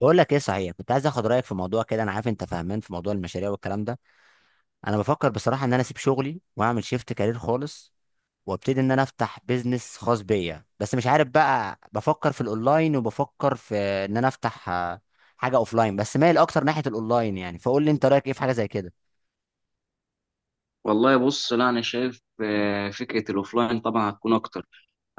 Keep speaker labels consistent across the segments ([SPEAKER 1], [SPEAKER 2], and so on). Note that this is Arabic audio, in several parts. [SPEAKER 1] بقول لك ايه صحيح، كنت عايز اخد رايك في موضوع كده. انا عارف انت فاهمان في موضوع المشاريع والكلام ده. انا بفكر بصراحه ان انا اسيب شغلي واعمل شيفت كارير خالص، وابتدي ان انا افتح بيزنس خاص بيا. بس مش عارف بقى، بفكر في الاونلاين وبفكر في ان انا افتح حاجه اوفلاين. بس مايل اكتر ناحيه الاونلاين، يعني فقول لي انت رايك ايه في حاجه زي كده.
[SPEAKER 2] والله بص، لا انا شايف فكره الاوفلاين طبعا هتكون اكتر.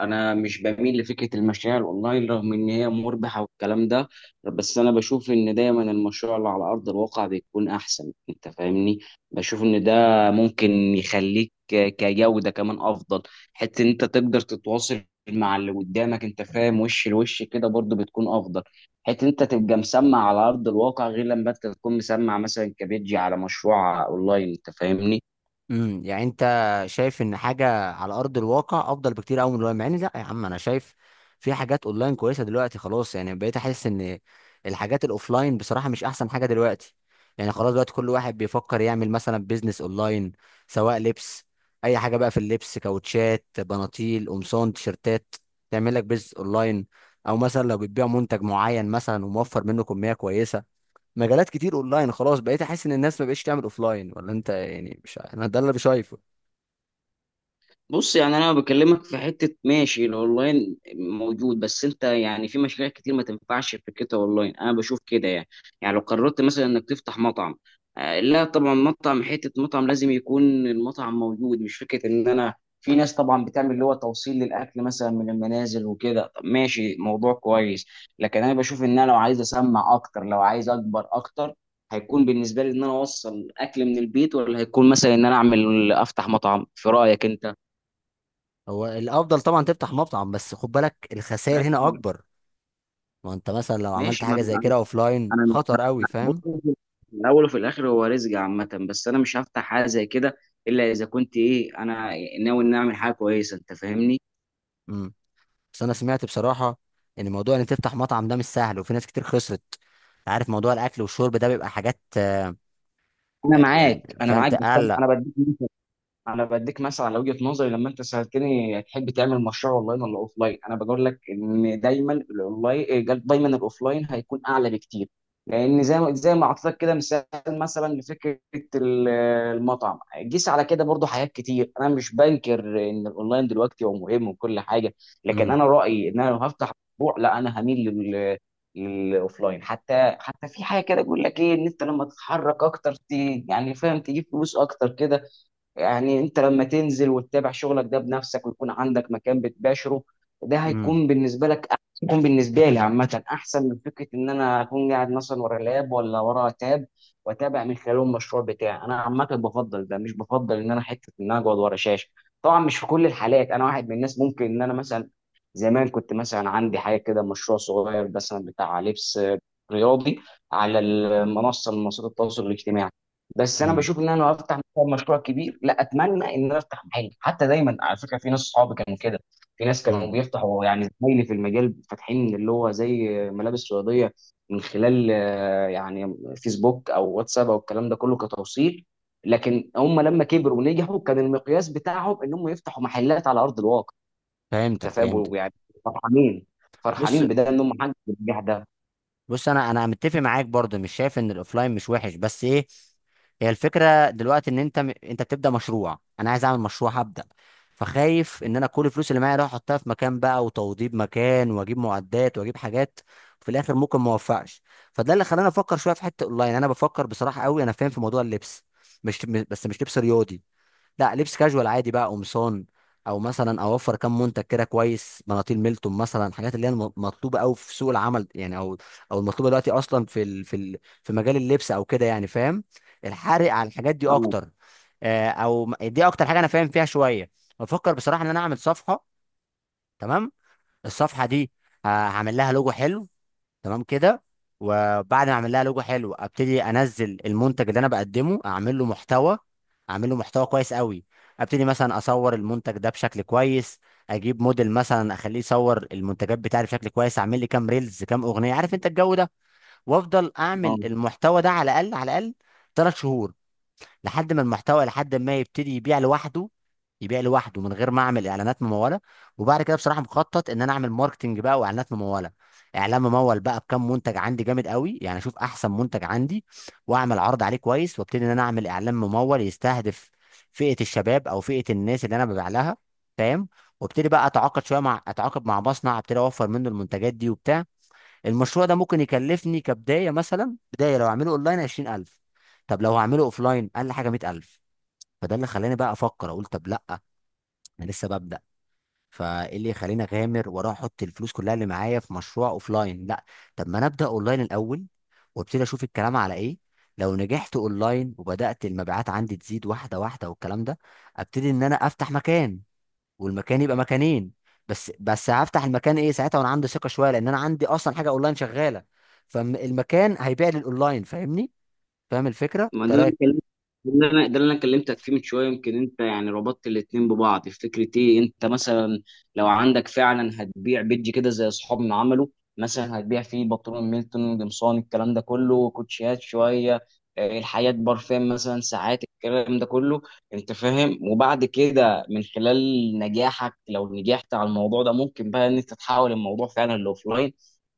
[SPEAKER 2] انا مش بميل لفكره المشاريع الاونلاين، رغم ان هي مربحه والكلام ده. بس انا بشوف ان دايما المشروع اللي على ارض الواقع بيكون احسن، انت فاهمني؟ بشوف ان ده ممكن يخليك كجوده كمان افضل. حتى ان انت تقدر تتواصل مع اللي قدامك، انت فاهم، وش لوش كده برضو بتكون افضل. حتى انت تبقى مسمع على ارض الواقع، غير لما انت تكون مسمع مثلا كبيجي على مشروع اونلاين، انت فاهمني؟
[SPEAKER 1] يعني انت شايف ان حاجه على ارض الواقع افضل بكتير قوي من الواقع؟ مع ان لا يا عم، انا شايف في حاجات اونلاين كويسه دلوقتي. خلاص يعني بقيت احس ان الحاجات الاوفلاين بصراحه مش احسن حاجه دلوقتي. يعني خلاص دلوقتي كل واحد بيفكر يعمل مثلا بيزنس اونلاين، سواء لبس، اي حاجه بقى. في اللبس كاوتشات، بناطيل، قمصان، تيشرتات، تعمل لك بيزنس اونلاين. او مثلا لو بتبيع منتج معين مثلا وموفر منه كميه كويسه، مجالات كتير اونلاين. خلاص بقيت احس ان الناس ما بقتش تعمل اوفلاين، ولا انت؟ يعني مش انا ده اللي شايفه.
[SPEAKER 2] بص، يعني انا بكلمك في حته، ماشي، الاونلاين موجود، بس انت يعني في مشاريع كتير ما تنفعش فكرتها اونلاين. انا بشوف كده يعني. يعني لو قررت مثلا انك تفتح مطعم، لا طبعا، مطعم حته مطعم لازم يكون المطعم موجود، مش فكره ان انا في ناس طبعا بتعمل اللي هو توصيل للاكل مثلا من المنازل وكده. طب ماشي، موضوع كويس. لكن انا بشوف ان انا لو عايز اسمع اكتر، لو عايز اكبر اكتر، هيكون بالنسبه لي ان انا اوصل اكل من البيت، ولا هيكون مثلا ان انا اعمل افتح مطعم؟ في رايك انت؟
[SPEAKER 1] هو الافضل طبعا تفتح مطعم، بس خد بالك الخسائر هنا
[SPEAKER 2] ماشي.
[SPEAKER 1] اكبر. ما انت مثلا لو عملت
[SPEAKER 2] ماشي. ما
[SPEAKER 1] حاجه زي
[SPEAKER 2] انا
[SPEAKER 1] كده اوفلاين
[SPEAKER 2] انا مش
[SPEAKER 1] خطر قوي،
[SPEAKER 2] هفتح. بص،
[SPEAKER 1] فاهم؟
[SPEAKER 2] في الاول وفي الاخر هو رزق عامه، بس انا مش هفتح حاجه زي كده، الا اذا كنت ايه، انا ناوي ان اعمل حاجه كويسه، انت فاهمني؟
[SPEAKER 1] امم بس انا سمعت بصراحه ان موضوع ان تفتح مطعم ده مش سهل، وفي ناس كتير خسرت. أنت عارف موضوع الاكل والشرب ده بيبقى حاجات،
[SPEAKER 2] انا معاك،
[SPEAKER 1] يعني
[SPEAKER 2] انا
[SPEAKER 1] فهمت؟
[SPEAKER 2] معاك، بس انا
[SPEAKER 1] اقلق.
[SPEAKER 2] أنا بديك انا بديك مثلا على وجهه نظري، لما انت سالتني تحب تعمل مشروع اونلاين ولا اوفلاين، انا بقول لك ان دايما الاونلاين، دايما الاوفلاين هيكون اعلى بكتير. لان زي ما اعطيتك كده مثال مثلا لفكره ال- المطعم. قيس على كده برضو حاجات كتير، انا مش بنكر ان الاونلاين دلوقتي هو مهم وكل حاجه. لكن
[SPEAKER 1] امم.
[SPEAKER 2] انا رايي ان انا لو هفتح مشروع، لا، انا هميل للاوفلاين. حتى في حاجه كده بيقول لك ايه، ان انت لما تتحرك اكتر يعني فاهم، تجيب فلوس اكتر كده. يعني انت لما تنزل وتتابع شغلك ده بنفسك ويكون عندك مكان بتباشره، ده
[SPEAKER 1] امم.
[SPEAKER 2] هيكون بالنسبه لك هيكون بالنسبه لي عامه احسن من فكره ان انا اكون قاعد مثلا ورا لاب ولا ورا تاب، واتابع من خلاله المشروع بتاعي. انا عامه بفضل ده، مش بفضل ان انا حته ان انا اقعد ورا شاشه. طبعا مش في كل الحالات. انا واحد من الناس، ممكن ان انا مثلا زمان كنت مثلا عندي حاجه كده، مشروع صغير مثلا بتاع لبس رياضي على المنصه من منصات التواصل الاجتماعي. بس انا
[SPEAKER 1] امم.
[SPEAKER 2] بشوف ان انا لو افتح مثلا مشروع كبير، لا، اتمنى ان انا افتح محل حتى. دايما على فكره في ناس صحابي كانوا كده، في ناس كانوا
[SPEAKER 1] امم.
[SPEAKER 2] بيفتحوا يعني، زمايلي في المجال فاتحين اللي هو زي ملابس رياضيه، من خلال يعني فيسبوك او واتساب او الكلام ده كله كتوصيل. لكن هم لما كبروا ونجحوا، كان المقياس بتاعهم ان هم يفتحوا محلات على ارض الواقع. انت
[SPEAKER 1] فهمتك فهمتك.
[SPEAKER 2] فاهم يعني؟ فرحانين،
[SPEAKER 1] بص
[SPEAKER 2] فرحانين بده، ان هم حققوا النجاح ده.
[SPEAKER 1] بص، انا متفق معاك برضه، مش شايف ان الاوفلاين مش وحش. بس ايه، هي الفكره دلوقتي ان انت انت بتبدا مشروع. انا عايز اعمل مشروع، هبدا، فخايف ان انا كل الفلوس اللي معايا اروح احطها في مكان بقى وتوضيب مكان واجيب معدات واجيب حاجات، في الاخر ممكن ما اوفقش. فده اللي خلاني افكر شويه في حته اونلاين. انا بفكر بصراحه قوي، انا فاهم في موضوع اللبس. مش م- بس مش لبس رياضي، لا، لبس كاجوال عادي بقى، قمصان، او مثلا اوفر كم منتج كده كويس، مناطيل، ميلتون مثلا، الحاجات اللي هي مطلوبه قوي في سوق العمل يعني. او او المطلوبه دلوقتي اصلا في مجال اللبس او كده، يعني فاهم؟ الحرق على الحاجات دي
[SPEAKER 2] اه.
[SPEAKER 1] اكتر. دي اكتر حاجه انا فاهم فيها شويه. بفكر بصراحه ان انا اعمل صفحه. تمام؟ الصفحه دي، هعمل لها لوجو حلو. تمام كده؟ وبعد ما اعمل لها لوجو حلو، ابتدي انزل المنتج اللي انا بقدمه، اعمل له محتوى، اعمل له محتوى كويس قوي. ابتدي مثلا اصور المنتج ده بشكل كويس، اجيب موديل مثلا، اخليه يصور المنتجات بتاعي بشكل كويس، اعمل لي كام ريلز، كام اغنيه، عارف انت الجو ده. وافضل
[SPEAKER 2] آه.
[SPEAKER 1] اعمل المحتوى ده على الاقل على الاقل ثلاث شهور، لحد ما يبتدي يبيع لوحده، يبيع لوحده من غير ما اعمل اعلانات مموله. وبعد كده بصراحه مخطط ان انا اعمل ماركتنج بقى واعلانات مموله. اعلان ممول بقى بكم منتج عندي جامد قوي، يعني اشوف احسن منتج عندي واعمل عرض عليه كويس، وابتدي ان انا اعمل اعلان ممول يستهدف فئه الشباب، او فئه الناس اللي انا ببيع لها، فاهم؟ وابتدي بقى اتعاقد مع مصنع، ابتدي اوفر منه المنتجات دي وبتاع. المشروع ده ممكن يكلفني كبداية، مثلا بداية لو هعمله اونلاين 20,000. طب لو هعمله اوفلاين اقل حاجة 100,000. فده اللي خلاني بقى افكر، اقول طب لا، انا لسه ببدأ، فايه اللي يخليني اغامر واروح احط الفلوس كلها اللي معايا في مشروع اوفلاين؟ لا، طب ما انا ابدأ اونلاين الاول وابتدي اشوف الكلام على ايه. لو نجحت اونلاين وبدأت المبيعات عندي تزيد واحدة واحدة والكلام ده، ابتدي ان انا افتح مكان، والمكان يبقى مكانين. بس هفتح المكان ايه ساعتها وانا عندي ثقه شويه، لان انا عندي اصلا حاجه اونلاين شغاله. فالمكان هيبيع للاونلاين، فاهمني؟ فاهم الفكره
[SPEAKER 2] ما ده اللي انا
[SPEAKER 1] طريقه؟
[SPEAKER 2] كلمت ده اللي انا ده اللي انا كلمتك فيه من شويه، يمكن انت يعني ربطت الاتنين ببعض في فكره ايه، انت مثلا لو عندك فعلا هتبيع بيج كده زي اصحابنا عملوا، مثلا هتبيع فيه بنطلون ميلتون، قمصان، الكلام ده كله، كوتشيات شويه، الحياه برفان مثلا ساعات، الكلام ده كله. انت فاهم؟ وبعد كده من خلال نجاحك، لو نجحت على الموضوع ده، ممكن بقى ان انت تحول الموضوع فعلا لاوفلاين،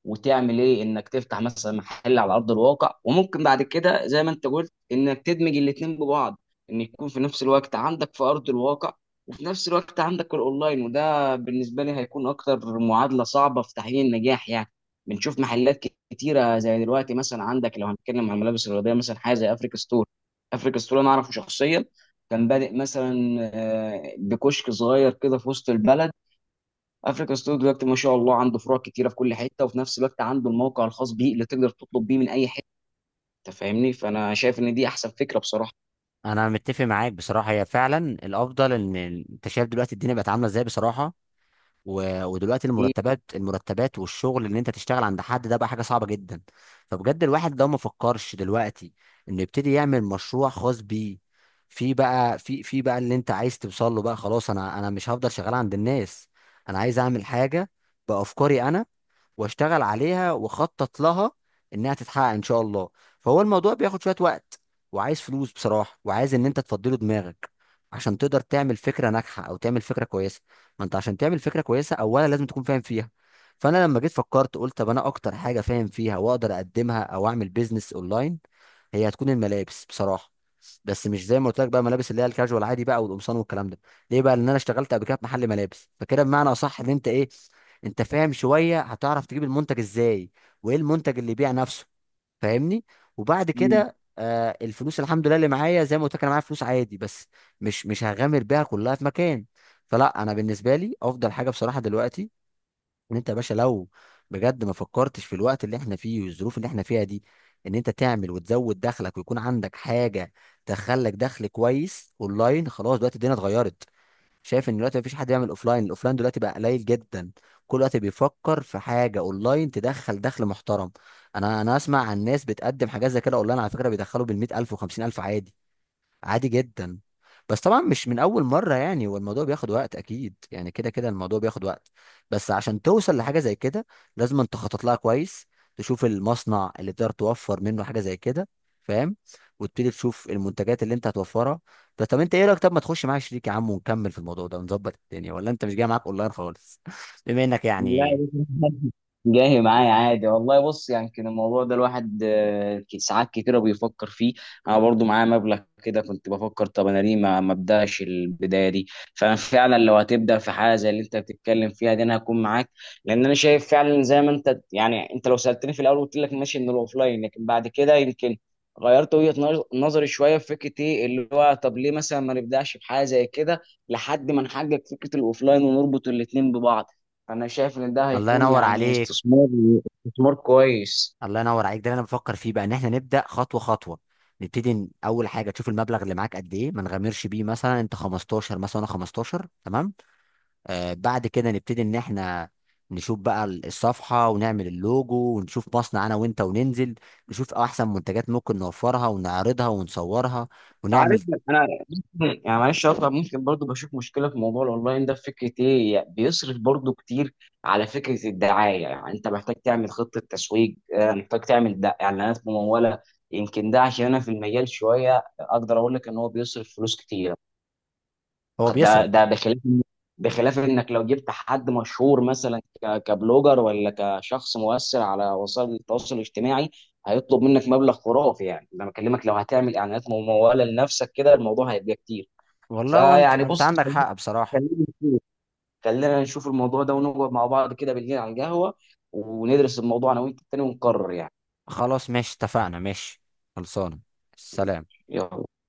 [SPEAKER 2] وتعمل ايه انك تفتح مثلا محل على ارض الواقع. وممكن بعد كده زي ما انت قلت، انك تدمج الاتنين ببعض، ان يكون في نفس الوقت عندك في ارض الواقع، وفي نفس الوقت عندك الاونلاين، وده بالنسبه لي هيكون اكتر معادله صعبه في تحقيق النجاح يعني. بنشوف محلات كتيره، زي دلوقتي مثلا عندك لو هنتكلم عن الملابس الرياضيه مثلا، حاجه زي افريكا ستور. افريكا ستور انا اعرفه شخصيا. كان بادئ مثلا بكشك صغير كده في وسط البلد. افريكا ستور دلوقتي ما شاء الله عنده فروع كتيره في كل حته، وفي نفس الوقت عنده الموقع الخاص بيه اللي تقدر تطلب بيه من اي حته. انت فاهمني؟ فانا شايف ان دي احسن فكره بصراحه.
[SPEAKER 1] انا متفق معاك بصراحه، هي فعلا الافضل. ان انت شايف دلوقتي الدنيا بقت عامله ازاي بصراحه، و... ودلوقتي
[SPEAKER 2] أكيد.
[SPEAKER 1] المرتبات والشغل اللي انت تشتغل عند حد ده بقى حاجه صعبه جدا. فبجد الواحد لو ما فكرش دلوقتي انه يبتدي يعمل مشروع خاص بيه في بقى في في بقى اللي انت عايز توصل له بقى، خلاص. انا مش هفضل شغال عند الناس، انا عايز اعمل حاجه بافكاري انا، واشتغل عليها واخطط لها انها تتحقق ان شاء الله. فهو الموضوع بياخد شوية وقت، وعايز فلوس بصراحة، وعايز ان انت تفضله دماغك عشان تقدر تعمل فكرة ناجحة، او تعمل فكرة كويسة. ما انت عشان تعمل فكرة كويسة اولا لازم تكون فاهم فيها. فانا لما جيت فكرت قلت طب انا اكتر حاجة فاهم فيها واقدر اقدمها او اعمل بيزنس اونلاين هي هتكون الملابس بصراحة. بس مش زي ما قلت لك بقى، ملابس اللي هي الكاجوال عادي بقى، والقمصان والكلام ده. ليه بقى؟ لان انا اشتغلت قبل كده في محل ملابس، فكده بمعنى اصح ان انت ايه، انت فاهم شويه، هتعرف تجيب المنتج ازاي، وايه المنتج اللي يبيع نفسه، فاهمني؟ وبعد كده الفلوس الحمد لله اللي معايا، زي ما قلت لك انا معايا فلوس عادي، بس مش هغامر بيها كلها في مكان. فلا، انا بالنسبه لي افضل حاجه بصراحه دلوقتي ان انت يا باشا لو بجد ما فكرتش في الوقت اللي احنا فيه والظروف اللي احنا فيها دي، ان انت تعمل وتزود دخلك ويكون عندك حاجه تخلك دخل كويس اونلاين. خلاص دلوقتي الدنيا اتغيرت. شايف ان دلوقتي مفيش حد يعمل اوفلاين، الاوفلاين دلوقتي بقى قليل جدا. كل وقت بيفكر في حاجه اونلاين تدخل دخل محترم. انا اسمع عن ناس بتقدم حاجات زي كده اونلاين، على فكره بيدخلوا بال 100,000 و 50,000 عادي، عادي جدا. بس طبعا مش من اول مره، يعني هو الموضوع بياخد وقت اكيد، يعني كده كده الموضوع بياخد وقت. بس عشان توصل لحاجه زي كده، لازم انت تخطط لها كويس، تشوف المصنع اللي تقدر توفر منه حاجه زي كده، فاهم؟ وتبتدي تشوف المنتجات اللي انت هتوفرها. طب انت ايه رايك، طب ما تخش معايا شريك يا عم ونكمل في الموضوع ده ونظبط الدنيا؟ ولا انت مش جاي معاك اونلاين خالص؟ بما انك
[SPEAKER 2] لا يا
[SPEAKER 1] يعني.
[SPEAKER 2] باشا، جاي معايا عادي والله. بص، يعني كان الموضوع ده الواحد ساعات كتيرة بيفكر فيه. انا برضو معايا مبلغ كده، كنت بفكر طب انا ليه ما ابداش البدايه دي؟ فانا فعلا لو هتبدا في حاجه زي اللي انت بتتكلم فيها دي، انا هكون معاك. لان انا شايف فعلا زي ما انت، يعني انت لو سالتني في الاول قلت لك ماشي ان الاوفلاين، لكن بعد كده يمكن غيرت وجهة نظري شوية في فكرة ايه اللي هو، طب ليه مثلا ما نبدأش بحاجة زي كده؟ لحد ما نحقق فكرة الاوفلاين ونربط الاتنين ببعض. انا شايف ان ده
[SPEAKER 1] الله
[SPEAKER 2] هيكون
[SPEAKER 1] ينور
[SPEAKER 2] يعني
[SPEAKER 1] عليك.
[SPEAKER 2] استثمار كويس.
[SPEAKER 1] الله ينور عليك، ده اللي انا بفكر فيه بقى، ان احنا نبدا خطوه خطوه. نبتدي اول حاجه تشوف المبلغ اللي معاك قد ايه، ما نغامرش بيه. مثلا انت 15، مثلا انا 15، تمام؟ بعد كده نبتدي ان احنا نشوف بقى الصفحه، ونعمل اللوجو، ونشوف مصنع انا وانت، وننزل نشوف احسن منتجات ممكن نوفرها ونعرضها ونصورها ونعمل.
[SPEAKER 2] عارف، انا يعني معلش اقطع، ممكن برضو بشوف مشكله في موضوع الاونلاين ده في فكره ايه، يعني بيصرف برضو كتير على فكره الدعايه. يعني انت محتاج تعمل خطه تسويق، محتاج تعمل اعلانات مموله. يمكن ده عشان انا في المجال شويه، اقدر اقول لك ان هو بيصرف فلوس كتير.
[SPEAKER 1] هو
[SPEAKER 2] ده
[SPEAKER 1] بيصرف.
[SPEAKER 2] ده بخلاف انك لو جبت حد مشهور مثلا كبلوجر ولا كشخص مؤثر على وسائل التواصل الاجتماعي، هيطلب منك مبلغ خرافي يعني. ده أنا بكلمك لو هتعمل اعلانات ممولة لنفسك كده، الموضوع هيبقى كتير.
[SPEAKER 1] والله وانت،
[SPEAKER 2] فيعني
[SPEAKER 1] انت
[SPEAKER 2] بص،
[SPEAKER 1] عندك حق بصراحه.
[SPEAKER 2] خلينا نشوف خلينا نشوف الموضوع ده ونقعد مع بعض كده بالليل على القهوة، وندرس الموضوع انا وانت تاني ونقرر يعني.
[SPEAKER 1] خلاص ماشي، اتفقنا، ماشي. خلصانه. سلام.
[SPEAKER 2] يلا.